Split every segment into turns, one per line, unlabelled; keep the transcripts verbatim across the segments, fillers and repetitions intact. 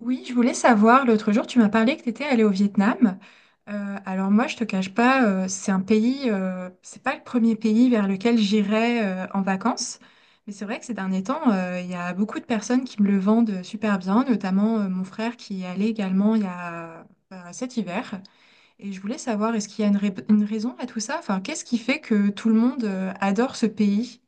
Oui, je voulais savoir, l'autre jour, tu m'as parlé que tu étais allée au Vietnam. Euh, alors moi, je te cache pas, euh, c'est un pays, euh, c'est pas le premier pays vers lequel j'irais euh, en vacances. Mais c'est vrai que ces derniers temps, euh, il y a beaucoup de personnes qui me le vendent super bien, notamment euh, mon frère qui y est allé également il y a euh, cet hiver. Et je voulais savoir, est-ce qu'il y a une, ra- une raison à tout ça? Enfin, qu'est-ce qui fait que tout le monde euh, adore ce pays?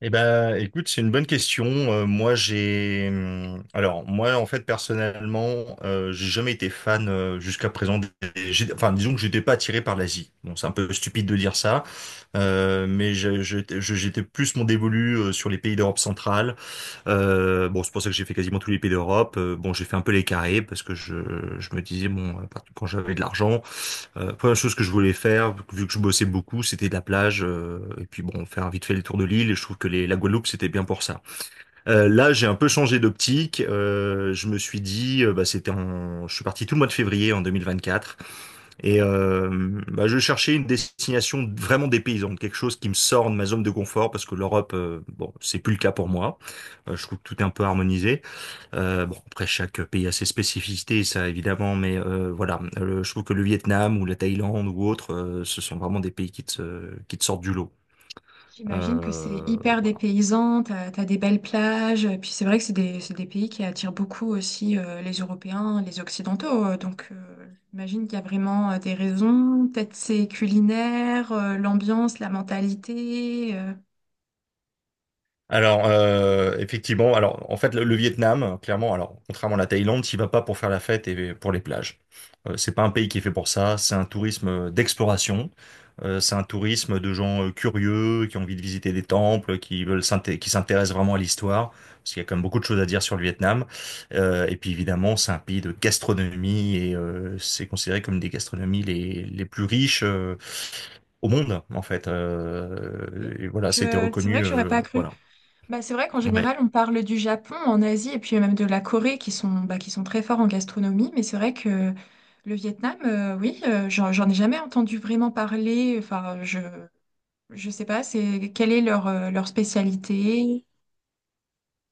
Eh ben, écoute, c'est une bonne question. Euh, moi, j'ai, hum, alors, moi, en fait, personnellement, euh, j'ai jamais été fan euh, jusqu'à présent. des- j'ai- Enfin, disons que j'étais pas attiré par l'Asie. Bon, c'est un peu stupide de dire ça, euh, mais je- je- je- j'étais plus mon dévolu euh, sur les pays d'Europe centrale. Euh, bon, c'est pour ça que j'ai fait quasiment tous les pays d'Europe. Euh, bon, j'ai fait un peu les carrés parce que je, je me disais bon, à quand j'avais de l'argent. Euh, première chose que je voulais faire, vu que je bossais beaucoup, c'était de la plage, euh, et puis bon, faire vite fait le tour de l'île, et je trouve que les, la Guadeloupe, c'était bien pour ça. Euh, là, j'ai un peu changé d'optique. Euh, je me suis dit, euh, bah, c'était en... je suis parti tout le mois de février en deux mille vingt-quatre, et euh, bah, je cherchais une destination vraiment dépaysante, quelque chose qui me sort de ma zone de confort, parce que l'Europe, euh, bon, c'est plus le cas pour moi. Euh, je trouve que tout est un peu harmonisé. Euh, bon, après, chaque pays a ses spécificités, ça évidemment, mais euh, voilà. Euh, je trouve que le Vietnam ou la Thaïlande ou autre, euh, ce sont vraiment des pays qui te, qui te sortent du lot.
J'imagine que c'est
Euh,
hyper dépaysant, t'as, t'as des belles plages, euh, puis c'est vrai que c'est des, c'est des pays qui attirent beaucoup aussi euh, les Européens, les Occidentaux, euh, donc euh, j'imagine qu'il y a vraiment euh, des raisons, peut-être c'est culinaire, euh, l'ambiance, la mentalité. euh.
Alors, euh, effectivement, alors en fait, le, le Vietnam, euh, clairement, alors contrairement à la Thaïlande, tu vas pas pour faire la fête et pour les plages. Euh, c'est pas un pays qui est fait pour ça. C'est un tourisme euh, d'exploration. Euh, c'est un tourisme de gens euh, curieux qui ont envie de visiter des temples, qui veulent s'inté- qui s'intéressent vraiment à l'histoire, parce qu'il y a quand même beaucoup de choses à dire sur le Vietnam. Euh, et puis évidemment, c'est un pays de gastronomie et euh, c'est considéré comme une des gastronomies les les plus riches euh, au monde, en fait.
Ok.
Euh, et voilà, ça a été
Je, c'est vrai
reconnu,
que j'aurais
euh,
pas cru.
voilà.
Bah, c'est vrai qu'en
Ouais.
général on parle du Japon en Asie et puis même de la Corée qui sont, bah, qui sont très forts en gastronomie, mais c'est vrai que le Vietnam, euh, oui, euh, j'en j'en ai jamais entendu vraiment parler, enfin je... Je sais pas, c'est quelle est leur, euh, leur spécialité?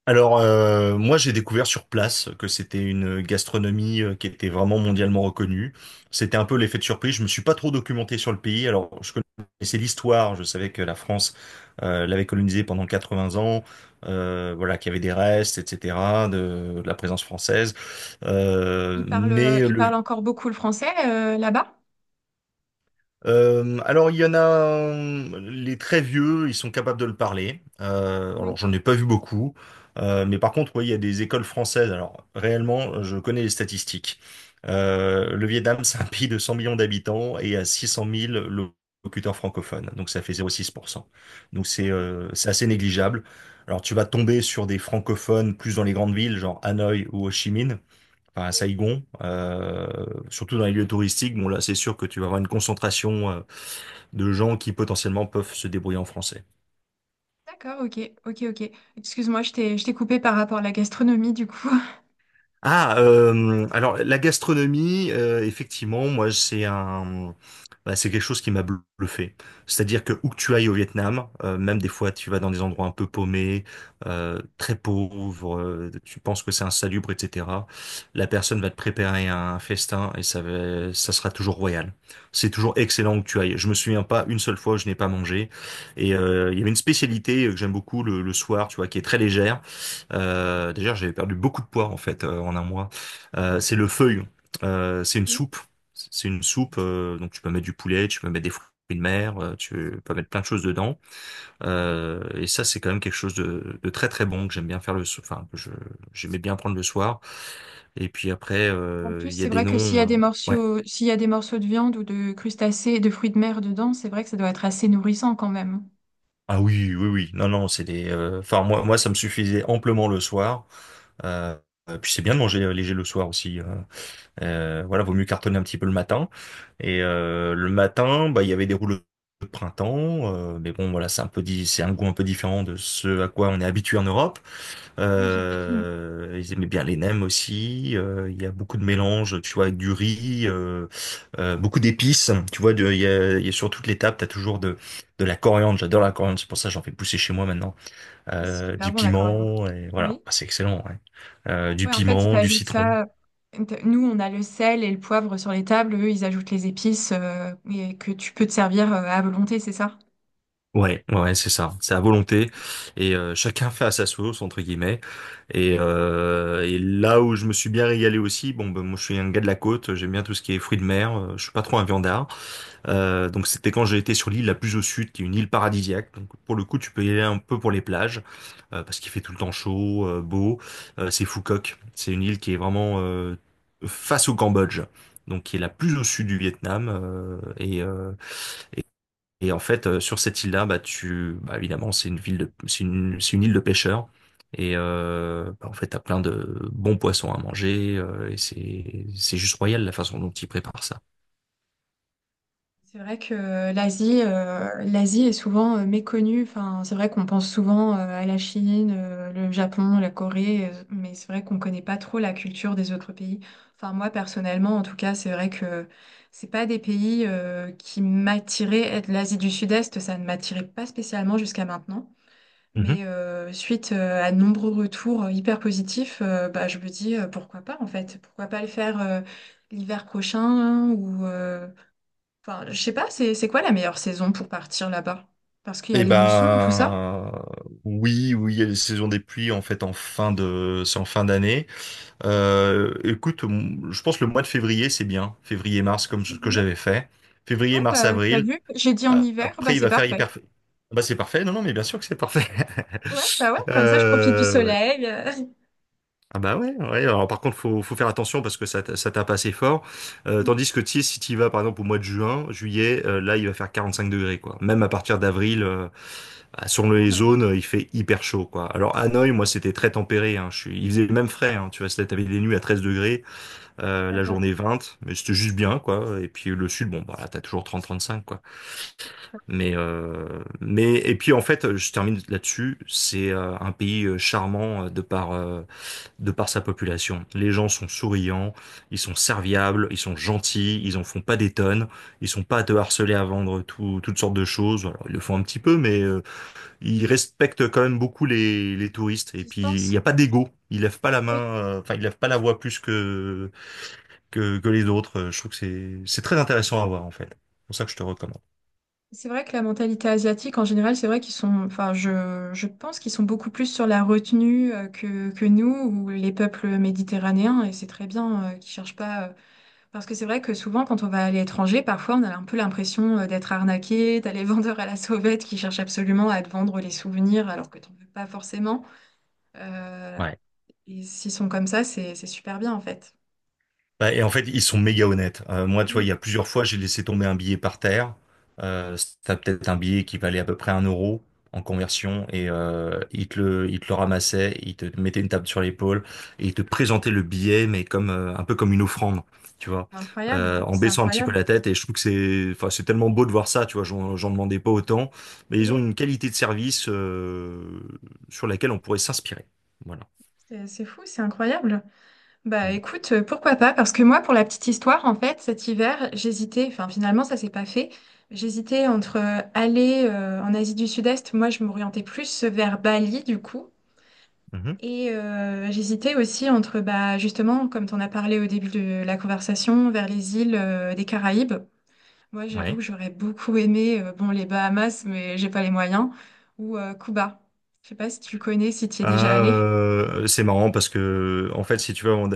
Alors, euh, moi, j'ai découvert sur place que c'était une gastronomie euh, qui était vraiment mondialement reconnue. C'était un peu l'effet de surprise. Je me suis pas trop documenté sur le pays. Alors, je connaissais l'histoire. Je savais que la France euh, l'avait colonisé pendant quatre-vingts ans. Euh, voilà, qu'il y avait des restes, et cetera, de, de la présence française. Euh,
Ils parlent, euh,
mais
ils
le,
parlent encore beaucoup le français euh, là-bas?
Euh, alors il y en a, euh, les très vieux, ils sont capables de le parler. Euh, alors
Oui.
j'en ai pas vu beaucoup. Euh, mais par contre, oui, il y a des écoles françaises. Alors réellement, je connais les statistiques. Euh, Le Vietnam, c'est un pays de cent millions d'habitants et à six cent mille locuteurs francophones, donc ça fait zéro virgule six pour cent. Donc c'est
D'accord,
euh, c'est assez négligeable. Alors tu vas tomber sur des francophones plus dans les grandes villes, genre Hanoï ou Ho Chi Minh, enfin, à
oui.
Saigon, euh, surtout dans les lieux touristiques. Bon, là, c'est sûr que tu vas avoir une concentration euh, de gens qui potentiellement peuvent se débrouiller en français.
D'accord, ok, ok, ok. Excuse-moi, je t'ai, je t'ai coupé par rapport à la gastronomie du coup.
Ah, euh, alors la gastronomie, euh, effectivement, moi, c'est un bah, c'est quelque chose qui m'a bluffé. C'est-à-dire que où que tu ailles au Vietnam, euh, même des fois tu vas dans des endroits un peu paumés, euh, très pauvres, euh, tu penses que c'est insalubre, et cetera. La personne va te préparer un festin et ça, va- ça sera toujours royal. C'est toujours excellent où que tu ailles. Je me souviens pas une seule fois où je n'ai pas mangé. Et euh, il y avait une spécialité euh, que j'aime beaucoup le, le soir, tu vois, qui est très légère. Euh, d'ailleurs, j'avais perdu beaucoup de poids en fait euh, en un mois. Euh, c'est le feuille. Euh, c'est une
Oui.
soupe. C'est une soupe, euh, donc tu peux mettre du poulet, tu peux mettre des fruits de mer, euh, tu peux mettre plein de choses dedans. Euh, et ça, c'est quand même quelque chose de, de très très bon que j'aime bien faire le soir. Enfin, que je j'aimais bien prendre le soir. Et puis après,
En
euh,
plus,
il y a
c'est
des
vrai que s'il y
noms,
a
euh,
des
ouais.
morceaux, s'il y a des morceaux de viande ou de crustacés, de fruits de mer dedans, c'est vrai que ça doit être assez nourrissant quand même.
Ah oui, oui, oui. Non, non, c'est des. Euh, Enfin, moi, moi, ça me suffisait amplement le soir. Euh, euh, Puis c'est bien de manger euh, léger le soir aussi. euh. Euh, voilà, vaut mieux cartonner un petit peu le matin. Et euh, le matin, bah, il y avait des rouleaux de printemps, euh, mais bon, voilà, c'est un peu, di- c'est un goût un peu différent de ce à quoi on est habitué en Europe.
Oui, j'imagine.
Euh, ils aimaient bien les nems aussi, euh, il y a beaucoup de mélanges, tu vois, avec du riz, euh, euh, beaucoup d'épices. Tu vois, de- il y a, il y a sur toutes les tables, t'as toujours de de la coriandre. J'adore la coriandre, c'est pour ça que j'en fais pousser chez moi maintenant.
C'est
Euh,
super
du
bon la coriandre.
piment, et voilà,
Oui.
bah, c'est excellent. Ouais. Euh, du
Ouais, en fait, ils
piment, du
t'ajoutent
citron.
ça. Nous, on a le sel et le poivre sur les tables. Eux, ils ajoutent les épices euh, et que tu peux te servir euh, à volonté, c'est ça?
Ouais, ouais, ouais, c'est ça. C'est à volonté et euh, chacun fait à sa sauce entre guillemets. Et, euh, et là où je me suis bien régalé aussi, bon, ben, moi je suis un gars de la côte, j'aime bien tout ce qui est fruits de mer, euh, je suis pas trop un viandard. Euh, donc c'était quand j'ai été sur l'île la plus au sud, qui est une île paradisiaque. Donc pour le coup, tu peux y aller un peu pour les plages euh, parce qu'il fait tout le temps chaud, euh, beau. Euh, c'est Phuket, c'est une île qui est vraiment euh, face au Cambodge. Donc qui est la plus au sud du Vietnam, euh, et euh, et en fait, euh, sur cette île-là, bah tu, bah évidemment, c'est une ville de, c'est une, c'est une île de pêcheurs. Et euh, bah, en fait, t'as plein de bons poissons à manger, euh, et c'est, c'est juste royal la façon dont ils préparent ça.
C'est vrai que euh, l'Asie, euh, l'Asie est souvent euh, méconnue. Enfin, c'est vrai qu'on pense souvent euh, à la Chine, euh, le Japon, la Corée, euh, mais c'est vrai qu'on connaît pas trop la culture des autres pays. Enfin, moi personnellement, en tout cas, c'est vrai que c'est pas des pays euh, qui m'attiraient. Être L'Asie du Sud-Est, ça ne m'attirait pas spécialement jusqu'à maintenant.
Mhm.
Mais euh, suite euh, à de nombreux retours hyper positifs, euh, bah, je me dis euh, pourquoi pas en fait, pourquoi pas le faire euh, l'hiver prochain hein, ou euh, Enfin, je sais pas, c'est c'est quoi la meilleure saison pour partir là-bas? Parce qu'il y a
Eh
les moussons, tout ça.
ben, oui, oui, il y a les saisons des pluies en fait, en fin de, c'est en fin d'année. Euh, écoute, m- je pense que le mois de février, c'est bien. Février-mars,
Mois
comme
de
ce que
février?
j'avais fait. Février,
Ouais, bah t'as
mars-avril.
vu, j'ai dit en hiver, bah
Après, il
c'est
va faire
parfait.
hyper... Ah, bah, c'est parfait. Non, non, mais bien sûr que c'est parfait.
Ouais, bah ouais, comme ça je profite du
Euh, ouais.
soleil. euh.
Ah bah ouais, ouais. Alors, par contre, faut, faut faire attention parce que ça, t- ça tape assez fort. Euh,
Mm,
tandis que tu sais, si tu y vas, par exemple, au mois de juin, juillet, euh, là, il va faire quarante-cinq degrés, quoi. Même à partir d'avril, euh, bah, sur les
ouais,
zones, euh, il fait hyper chaud, quoi. Alors, Hanoï, moi, c'était très tempéré, hein. Je suis... Il faisait même frais, hein. Tu vois, c'était- t'avais des nuits à treize degrés, euh, la
d'accord.
journée vingt, mais c'était juste bien, quoi. Et puis le sud, bon, bah, là, t'as toujours trente trente-cinq, quoi. Mais, euh, mais, et puis en fait, je termine là-dessus, c'est euh, un pays euh, charmant, euh, de par, euh, de par sa population. Les gens sont souriants, ils sont serviables, ils sont gentils, ils en font pas des tonnes, ils sont pas à te harceler à vendre tout- toutes sortes de choses. Alors, ils le font un petit peu, mais euh, ils respectent quand même beaucoup les, les touristes. Et puis, il
Distance?
n'y a pas d'ego. Ils lèvent pas la main,
Oui.
euh, enfin, ils lèvent pas la voix plus que que, que les autres. Euh, Je trouve que c'est, c'est très intéressant à voir, en fait. C'est pour ça que je te recommande.
C'est vrai que la mentalité asiatique, en général, c'est vrai qu'ils sont, enfin, je, je pense qu'ils sont beaucoup plus sur la retenue euh, que, que nous ou les peuples méditerranéens, et c'est très bien euh, qu'ils cherchent pas euh, Parce que c'est vrai que souvent, quand on va à l'étranger, parfois on a un peu l'impression euh, d'être arnaqué, t'as les vendeurs à la sauvette qui cherchent absolument à te vendre les souvenirs alors que t'en veux pas forcément. Euh,
Ouais.
et s'ils sont comme ça, c'est c'est super bien en fait.
Bah, et en fait, ils sont méga honnêtes. Euh, moi, tu vois, il
Oui.
y a plusieurs fois, j'ai laissé tomber un billet par terre. Euh, c'était peut-être un billet qui valait à peu près un euro en conversion. Et euh, ils te le, ils te le ramassaient, ils te mettaient une table sur l'épaule et ils te présentaient le billet, mais comme euh, un peu comme une offrande, tu vois,
C'est Incroyable,
euh, en
c'est
baissant un petit peu
incroyable.
la tête. Et je trouve que c'est, enfin, c'est tellement beau de voir ça, tu vois. J'en, j'en demandais pas autant, mais ils
Oui,
ont une qualité de service euh, sur laquelle on pourrait s'inspirer. Voilà.
c'est c'est fou, c'est incroyable. Bah
Mm.
écoute, euh, pourquoi pas? Parce que moi, pour la petite histoire, en fait, cet hiver, j'hésitais, enfin finalement ça s'est pas fait. J'hésitais entre euh, aller euh, en Asie du Sud-Est, moi je m'orientais plus vers Bali du coup.
Mhm.
Et euh, j'hésitais aussi entre, bah, justement, comme tu en as parlé au début de la conversation, vers les îles euh, des Caraïbes. Moi, j'avoue que
Ouais.
j'aurais beaucoup aimé, euh, bon, les Bahamas, mais j'ai pas les moyens, ou euh, Cuba. Je sais pas si tu connais, si tu y es déjà
Ah,
allé.
euh, c'est marrant parce que en fait, si tu veux, on-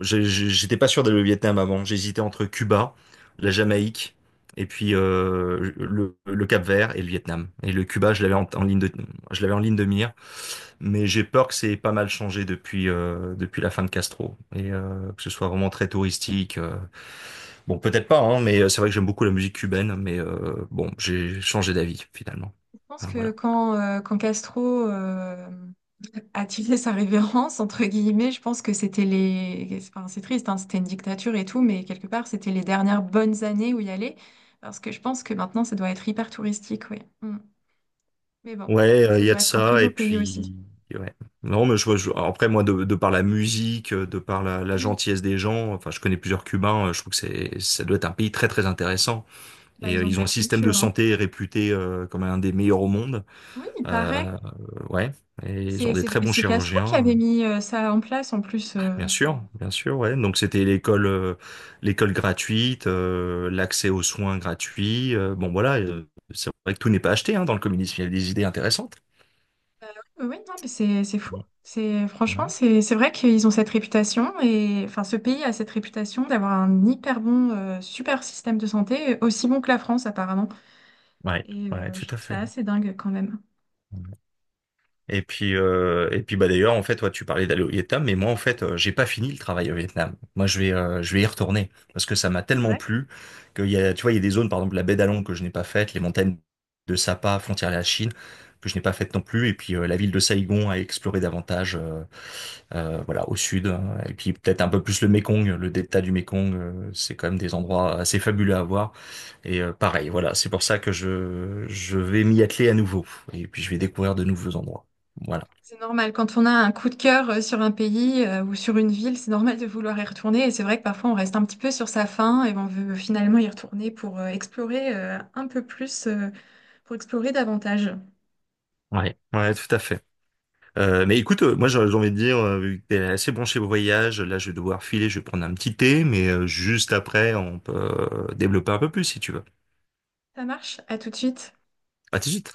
j'ai- j'ai- j'étais pas sûr d'aller au Vietnam avant. J'hésitais entre Cuba, la Jamaïque, et puis euh, le, le Cap-Vert et le Vietnam. Et le Cuba, je l'avais en, en ligne de, je l'avais en ligne de mire, mais j'ai peur que c'est pas mal changé depuis euh, depuis la fin de Castro et euh, que ce soit vraiment très touristique. euh. Bon, peut-être pas, hein, mais euh, c'est vrai que j'aime beaucoup la musique cubaine, mais euh, bon, j'ai changé d'avis finalement.
Je pense
Ah,
que
voilà.
quand, euh, quand Castro euh, a tiré sa révérence, entre guillemets, je pense que c'était les... Enfin, c'est triste, hein, c'était une dictature et tout, mais quelque part, c'était les dernières bonnes années où y aller, parce que je pense que maintenant, ça doit être hyper touristique, oui. Mais bon,
Ouais, euh,
ça
il y a
doit
de
être un très
ça,
beau
et
pays aussi.
puis ouais. Non, mais je, vois- je- après moi de, de par la musique, euh, de par la, la
Oui.
gentillesse des gens, enfin je connais plusieurs Cubains, euh, je trouve que c'est ça doit être un pays très très intéressant.
Bah,
Et
ils
euh,
ont de
ils ont un
belles
système de
cultures, hein.
santé réputé euh, comme un des meilleurs au monde.
Oui, il paraît.
Euh, euh, ouais, et ils ont
C'est
des
c'est
très bons
c'est Castro qui
chirurgiens,
avait
euh,
mis euh, ça en place en plus. euh,
bien
c'est
sûr, bien sûr, ouais. Donc c'était l'école euh, l'école gratuite, euh, l'accès aux soins gratuits, euh, bon voilà, euh, c'est vrai que tout n'est pas acheté hein, dans le communisme, il y a des idées intéressantes.
Euh, oui, non, mais c'est c'est fou.
Bon,
C'est franchement,
ouais.
c'est c'est vrai qu'ils ont cette réputation et enfin ce pays a cette réputation d'avoir un hyper bon, euh, super système de santé, aussi bon que la France apparemment.
Ouais,
Et euh,
ouais, tout
je
à
trouve ça
fait.
assez dingue quand même.
Et puis, euh, et puis bah, d'ailleurs, en fait, toi, tu parlais d'aller au Vietnam, mais moi, en fait, euh, j'ai pas fini le travail au Vietnam. Moi, je vais, euh, je vais y retourner parce que ça m'a tellement plu qu'il y a, tu vois, il y a des zones, par exemple, la baie d'Along que je n'ai pas faite, les montagnes de Sapa, frontière à la Chine, que je n'ai pas faites non plus, et puis euh, la ville de Saigon à explorer davantage, euh, euh, voilà, au sud, hein. Et puis peut-être un peu plus le Mékong, le delta du Mékong, euh, c'est quand même des endroits assez fabuleux à voir. Et euh, pareil, voilà, c'est pour ça que je, je vais m'y atteler à nouveau, et puis je vais découvrir de nouveaux endroits. Voilà.
C'est normal, quand on a un coup de cœur euh, sur un pays euh, ou sur une ville, c'est normal de vouloir y retourner. Et c'est vrai que parfois on reste un petit peu sur sa faim et on veut finalement y retourner pour euh, explorer euh, un peu plus, euh, pour explorer davantage.
Ouais, ouais, tout à fait. Euh, mais écoute, euh, moi j'ai j'ai envie de dire, euh, vu que t'es assez branché au voyage, là je vais devoir filer, je vais prendre un petit thé, mais euh, juste après on peut euh, développer un peu plus si tu veux.
Ça marche, à tout de suite.
À tout de suite.